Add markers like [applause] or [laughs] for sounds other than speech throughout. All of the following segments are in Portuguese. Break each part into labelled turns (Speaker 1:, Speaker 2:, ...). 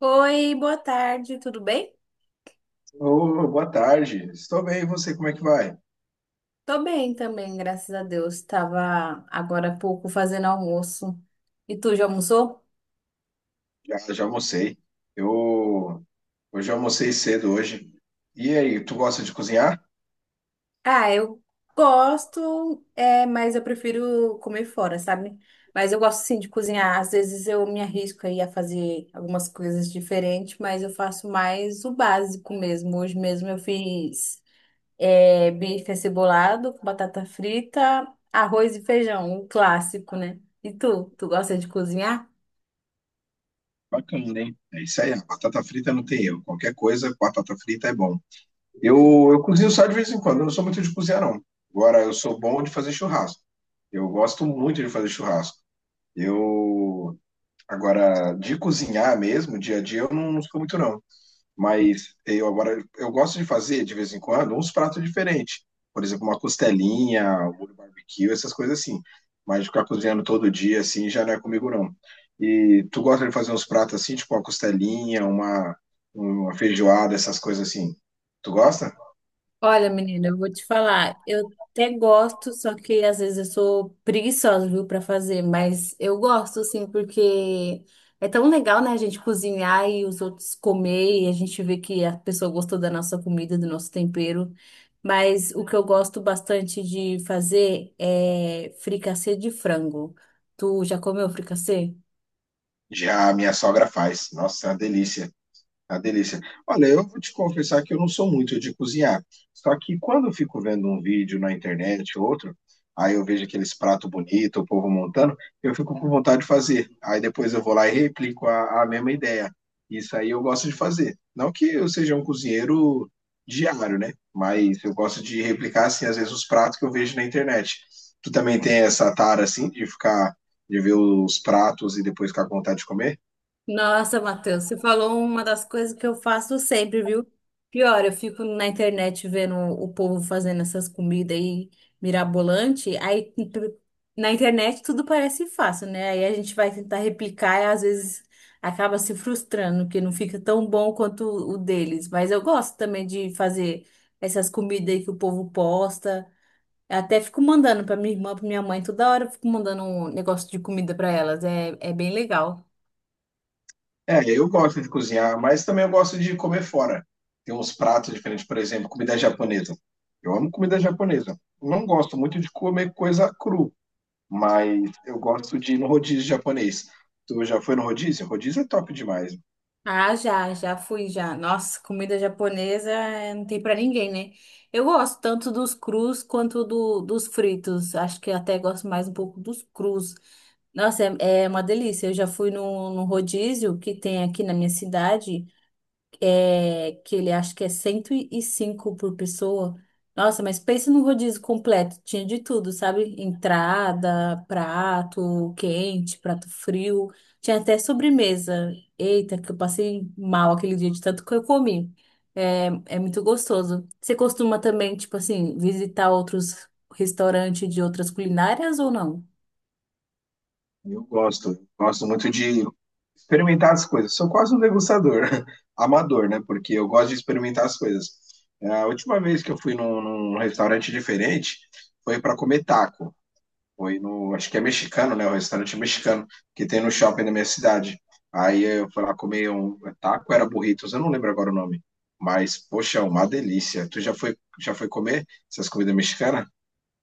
Speaker 1: Oi, boa tarde, tudo bem?
Speaker 2: Ô, boa tarde. Estou bem, e você, como é que vai?
Speaker 1: Tô bem também, graças a Deus. Tava agora há pouco fazendo almoço. E tu já almoçou?
Speaker 2: Já, almocei. Eu eu almocei cedo hoje. E aí, tu gosta de cozinhar?
Speaker 1: Ah, eu gosto, é, mas eu prefiro comer fora, sabe? Mas eu gosto sim de cozinhar. Às vezes eu me arrisco aí a fazer algumas coisas diferentes, mas eu faço mais o básico mesmo. Hoje mesmo eu fiz, é, bife acebolado com batata frita, arroz e feijão, o clássico, né? E tu, tu gosta de cozinhar?
Speaker 2: Bacana, hein? É isso aí, a batata frita não tem erro. Qualquer coisa, batata frita é bom. Eu cozinho só de vez em quando, eu não sou muito de cozinhar, não. Agora, eu sou bom de fazer churrasco. Eu gosto muito de fazer churrasco. Eu, agora, de cozinhar mesmo, dia a dia, eu não sou muito, não. Mas eu agora eu gosto de fazer de vez em quando uns pratos diferentes. Por exemplo, uma costelinha, um molho barbecue, essas coisas assim. Mas ficar cozinhando todo dia assim já não é comigo não. E tu gosta de fazer uns pratos assim, tipo uma costelinha, uma feijoada, essas coisas assim. Tu gosta?
Speaker 1: Olha, menina, eu vou te falar, eu até gosto, só que às vezes eu sou preguiçosa, viu, para fazer, mas eu gosto, assim, porque é tão legal, né, a gente cozinhar e os outros comer e a gente vê que a pessoa gostou da nossa comida, do nosso tempero. Mas o que eu gosto bastante de fazer é fricassê de frango. Tu já comeu fricassê?
Speaker 2: Já a minha sogra faz. Nossa, é uma delícia. A delícia. Olha, eu vou te confessar que eu não sou muito de cozinhar. Só que quando eu fico vendo um vídeo na internet ou outro, aí eu vejo aqueles pratos bonitos, o povo montando, eu fico com vontade de fazer. Aí depois eu vou lá e replico a mesma ideia. Isso aí eu gosto de fazer. Não que eu seja um cozinheiro diário, né? Mas eu gosto de replicar, assim, às vezes os pratos que eu vejo na internet. Tu também tem essa tara, assim, de ficar, de ver os pratos e depois ficar com vontade de comer?
Speaker 1: Nossa, Matheus, você falou uma das coisas que eu faço sempre, viu? Pior, eu fico na internet vendo o povo fazendo essas comidas aí mirabolante, aí na internet tudo parece fácil, né? Aí a gente vai tentar replicar e às vezes acaba se frustrando, que não fica tão bom quanto o deles. Mas eu gosto também de fazer essas comidas aí que o povo posta. Eu até fico mandando pra minha irmã, pra minha mãe, toda hora eu fico mandando um negócio de comida pra elas. É, é bem legal.
Speaker 2: É, eu gosto de cozinhar, mas também eu gosto de comer fora. Tem uns pratos diferentes, por exemplo, comida japonesa. Eu amo comida japonesa. Não gosto muito de comer coisa cru, mas eu gosto de ir no rodízio japonês. Tu já foi no rodízio? Rodízio é top demais.
Speaker 1: Ah, já, já fui já. Nossa, comida japonesa não tem pra ninguém, né? Eu gosto tanto dos crus quanto dos fritos. Acho que até gosto mais um pouco dos crus. Nossa, é, é uma delícia. Eu já fui num rodízio que tem aqui na minha cidade é, que ele acha que é 105 por pessoa. Nossa, mas pensa num rodízio completo. Tinha de tudo, sabe? Entrada, prato quente, prato frio. Tinha até sobremesa. Eita, que eu passei mal aquele dia de tanto que eu comi. É, é muito gostoso. Você costuma também, tipo assim, visitar outros restaurantes de outras culinárias ou não?
Speaker 2: Eu gosto muito de experimentar as coisas. Sou quase um degustador, [laughs] amador, né? Porque eu gosto de experimentar as coisas. É, a última vez que eu fui num restaurante diferente foi para comer taco. Foi no. Acho que é mexicano, né? O restaurante mexicano que tem no shopping da minha cidade. Aí eu fui lá comer um taco, era burritos, eu não lembro agora o nome. Mas, poxa, é uma delícia. Tu já foi comer essas comidas mexicanas?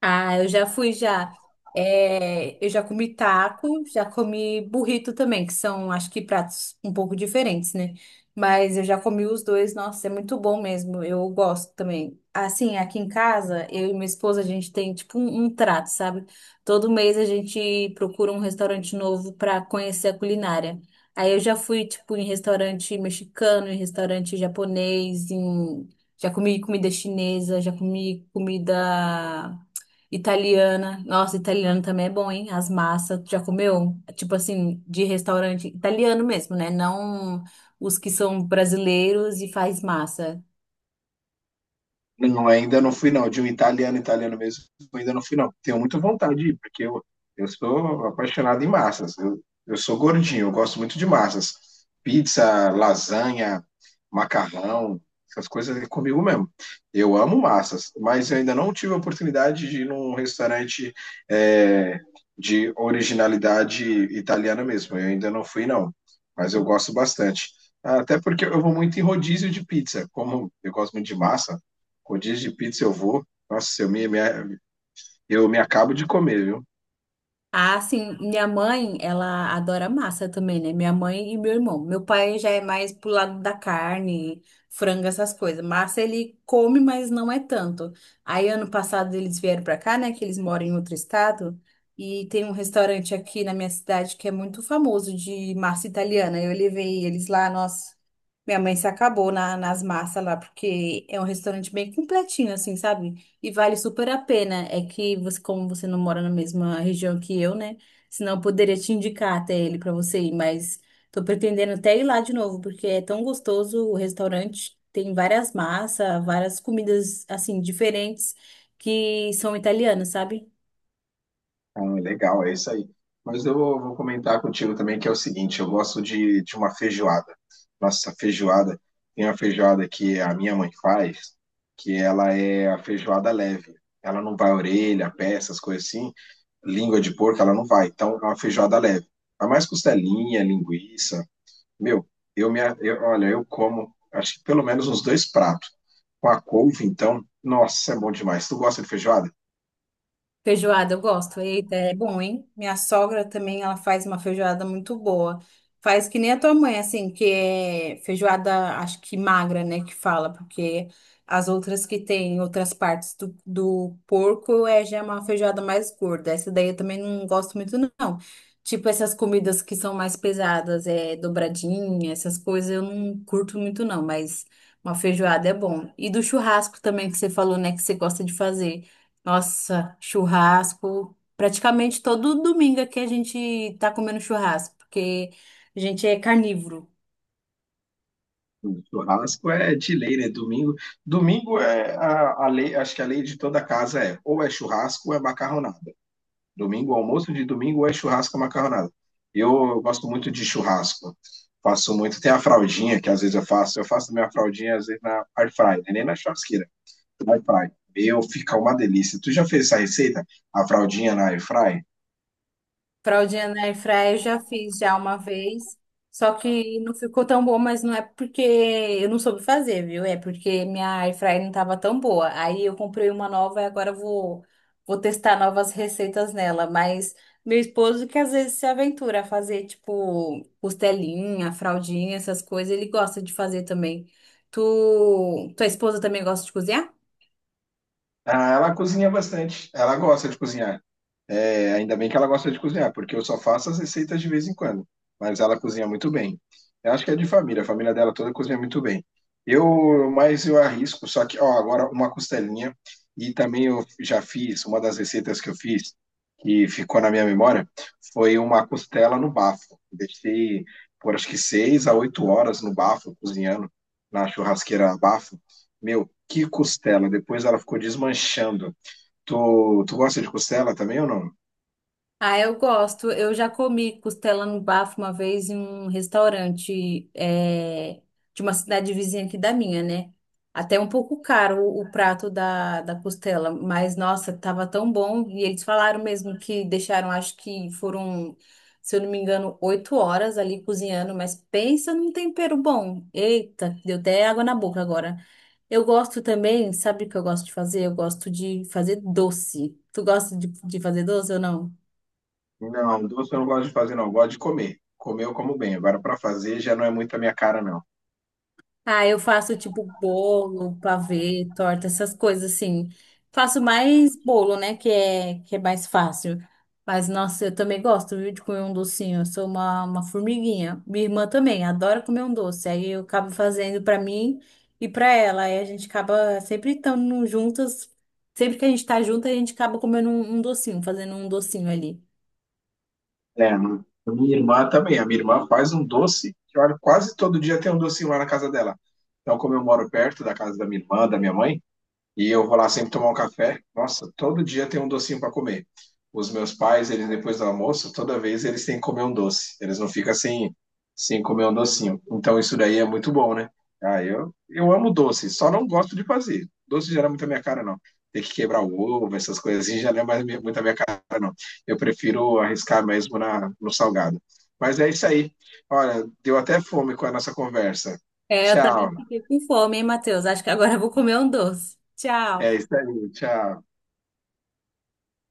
Speaker 1: Ah, eu já fui já. É, eu já comi taco, já comi burrito também, que são, acho que, pratos um pouco diferentes, né? Mas eu já comi os dois, nossa, é muito bom mesmo. Eu gosto também. Assim, aqui em casa, eu e minha esposa, a gente tem tipo um trato, sabe? Todo mês a gente procura um restaurante novo para conhecer a culinária. Aí eu já fui, tipo, em restaurante mexicano, em restaurante japonês, em... já comi comida chinesa, já comi comida. Italiana. Nossa, italiano também é bom, hein? As massas. Tu Já comeu? Tipo assim, de restaurante italiano mesmo, né? Não os que são brasileiros e faz massa.
Speaker 2: Não, ainda não fui, não. De um italiano, italiano mesmo, ainda não fui, não. Tenho muita vontade de ir, porque eu sou apaixonado em massas. Eu sou gordinho, eu gosto muito de massas. Pizza, lasanha, macarrão, essas coisas é comigo mesmo. Eu amo massas, mas eu ainda não tive a oportunidade de ir num restaurante é, de originalidade italiana mesmo. Eu ainda não fui, não. Mas eu gosto bastante. Até porque eu vou muito em rodízio de pizza. Como eu gosto muito de massa, rodízio de pizza eu vou. Nossa, eu me acabo de comer, viu?
Speaker 1: Ah, sim, minha mãe, ela adora massa também, né? Minha mãe e meu irmão. Meu pai já é mais pro lado da carne, frango, essas coisas. Massa ele come, mas não é tanto. Aí ano passado eles vieram pra cá, né? Que eles moram em outro estado. E tem um restaurante aqui na minha cidade que é muito famoso de massa italiana. Eu levei eles lá, nossa. Minha mãe se acabou nas massas lá, porque é um restaurante bem completinho, assim, sabe? E vale super a pena. É que você, como você não mora na mesma região que eu, né? Senão eu poderia te indicar até ele pra você ir, mas tô pretendendo até ir lá de novo, porque é tão gostoso o restaurante. Tem várias massas, várias comidas assim diferentes que são italianas, sabe?
Speaker 2: Ah, legal, é isso aí. Mas eu vou, vou comentar contigo também que é o seguinte, eu gosto de uma feijoada. Nossa, feijoada, tem uma feijoada que a minha mãe faz, que ela é a feijoada leve. Ela não vai orelha, pé, essas coisas assim. Língua de porco, ela não vai. Então, é uma feijoada leve. Vai mais costelinha, linguiça. Meu, olha, eu como, acho que pelo menos uns dois pratos. Com a couve, então, nossa, é bom demais. Tu gosta de feijoada?
Speaker 1: Feijoada, eu gosto. Eita, é bom, hein? Minha sogra também, ela faz uma feijoada muito boa. Faz que nem a tua mãe, assim, que é feijoada, acho que magra, né, que fala, porque as outras que tem outras partes do porco é já é uma feijoada mais gorda. Essa daí eu também não gosto muito, não. Tipo, essas comidas que são mais pesadas, é dobradinha, essas coisas eu não curto muito, não, mas uma feijoada é bom. E do churrasco também que você falou, né, que você gosta de fazer. Nossa, churrasco. Praticamente todo domingo aqui a gente tá comendo churrasco, porque a gente é carnívoro.
Speaker 2: Churrasco é de lei, né? Domingo, domingo é a lei, acho que a lei de toda casa é, ou é churrasco ou é macarronada. Domingo, almoço de domingo, ou é churrasco ou macarronada. Eu gosto muito de churrasco. Faço muito, tem a fraldinha que às vezes eu faço minha fraldinha às vezes na air fryer, nem na churrasqueira. Air fry. Meu, fica uma delícia. Tu já fez essa receita? A fraldinha na air fry?
Speaker 1: Fraldinha na airfryer eu já fiz já uma vez, só que não ficou tão bom, mas não é porque eu não soube fazer, viu? É porque minha airfryer não tava tão boa. Aí eu comprei uma nova e agora eu vou testar novas receitas nela, mas meu esposo que às vezes se aventura a fazer tipo costelinha, fraldinha, essas coisas, ele gosta de fazer também. Tu, tua esposa também gosta de cozinhar?
Speaker 2: Ah, ela cozinha bastante. Ela gosta de cozinhar. É, ainda bem que ela gosta de cozinhar, porque eu só faço as receitas de vez em quando. Mas ela cozinha muito bem. Eu acho que é de família, a família dela toda cozinha muito bem. Eu, mas eu arrisco, só que, ó, agora uma costelinha. E também eu já fiz, uma das receitas que eu fiz, que ficou na minha memória, foi uma costela no bafo. Deixei por acho que 6 a 8 horas no bafo, cozinhando, na churrasqueira a bafo. Meu, que costela! Depois ela ficou desmanchando. Tu, tu gosta de costela também ou não?
Speaker 1: Ah, eu gosto. Eu já comi costela no bafo uma vez em um restaurante de uma cidade vizinha aqui da minha, né? Até um pouco caro o prato da costela, mas nossa, tava tão bom. E eles falaram mesmo que deixaram, acho que foram, se eu não me engano, 8 horas ali cozinhando, mas pensa num tempero bom. Eita, deu até água na boca agora. Eu gosto também, sabe o que eu gosto de fazer? Eu gosto de fazer doce. Tu gosta de fazer doce ou não?
Speaker 2: Não, doce eu não gosto de fazer, não. Eu gosto de comer. Comer eu como bem. Agora, para fazer já não é muito a minha cara, não.
Speaker 1: Ah, eu faço tipo bolo, pavê, torta, essas coisas assim. Faço mais bolo, né? Que é mais fácil. Mas, nossa, eu também gosto, viu, de comer um docinho. Eu sou uma formiguinha. Minha irmã também adora comer um doce. Aí eu acabo fazendo pra mim e pra ela. Aí a gente acaba sempre estando juntas. Sempre que a gente tá junto, a gente acaba comendo um docinho, fazendo um docinho ali.
Speaker 2: É, mano. Minha irmã também. A minha irmã faz um doce que, olha, quase todo dia tem um docinho lá na casa dela. Então, como eu moro perto da casa da minha irmã, da minha mãe, e eu vou lá sempre tomar um café. Nossa, todo dia tem um docinho para comer. Os meus pais, eles depois do almoço, toda vez eles têm que comer um doce. Eles não ficam sem, sem comer um docinho. Então isso daí é muito bom, né? Ah, eu amo doce, só não gosto de fazer. Doce já não é muito a minha cara, não. Ter que quebrar o ovo, essas coisas assim, já não é mais minha- muito a minha cara, não. Eu prefiro arriscar mesmo na, no salgado. Mas é isso aí. Olha, deu até fome com a nossa conversa.
Speaker 1: É, eu também
Speaker 2: Tchau.
Speaker 1: fiquei com fome, hein, Matheus? Acho que agora eu vou comer um doce. Tchau.
Speaker 2: É isso aí. Tchau.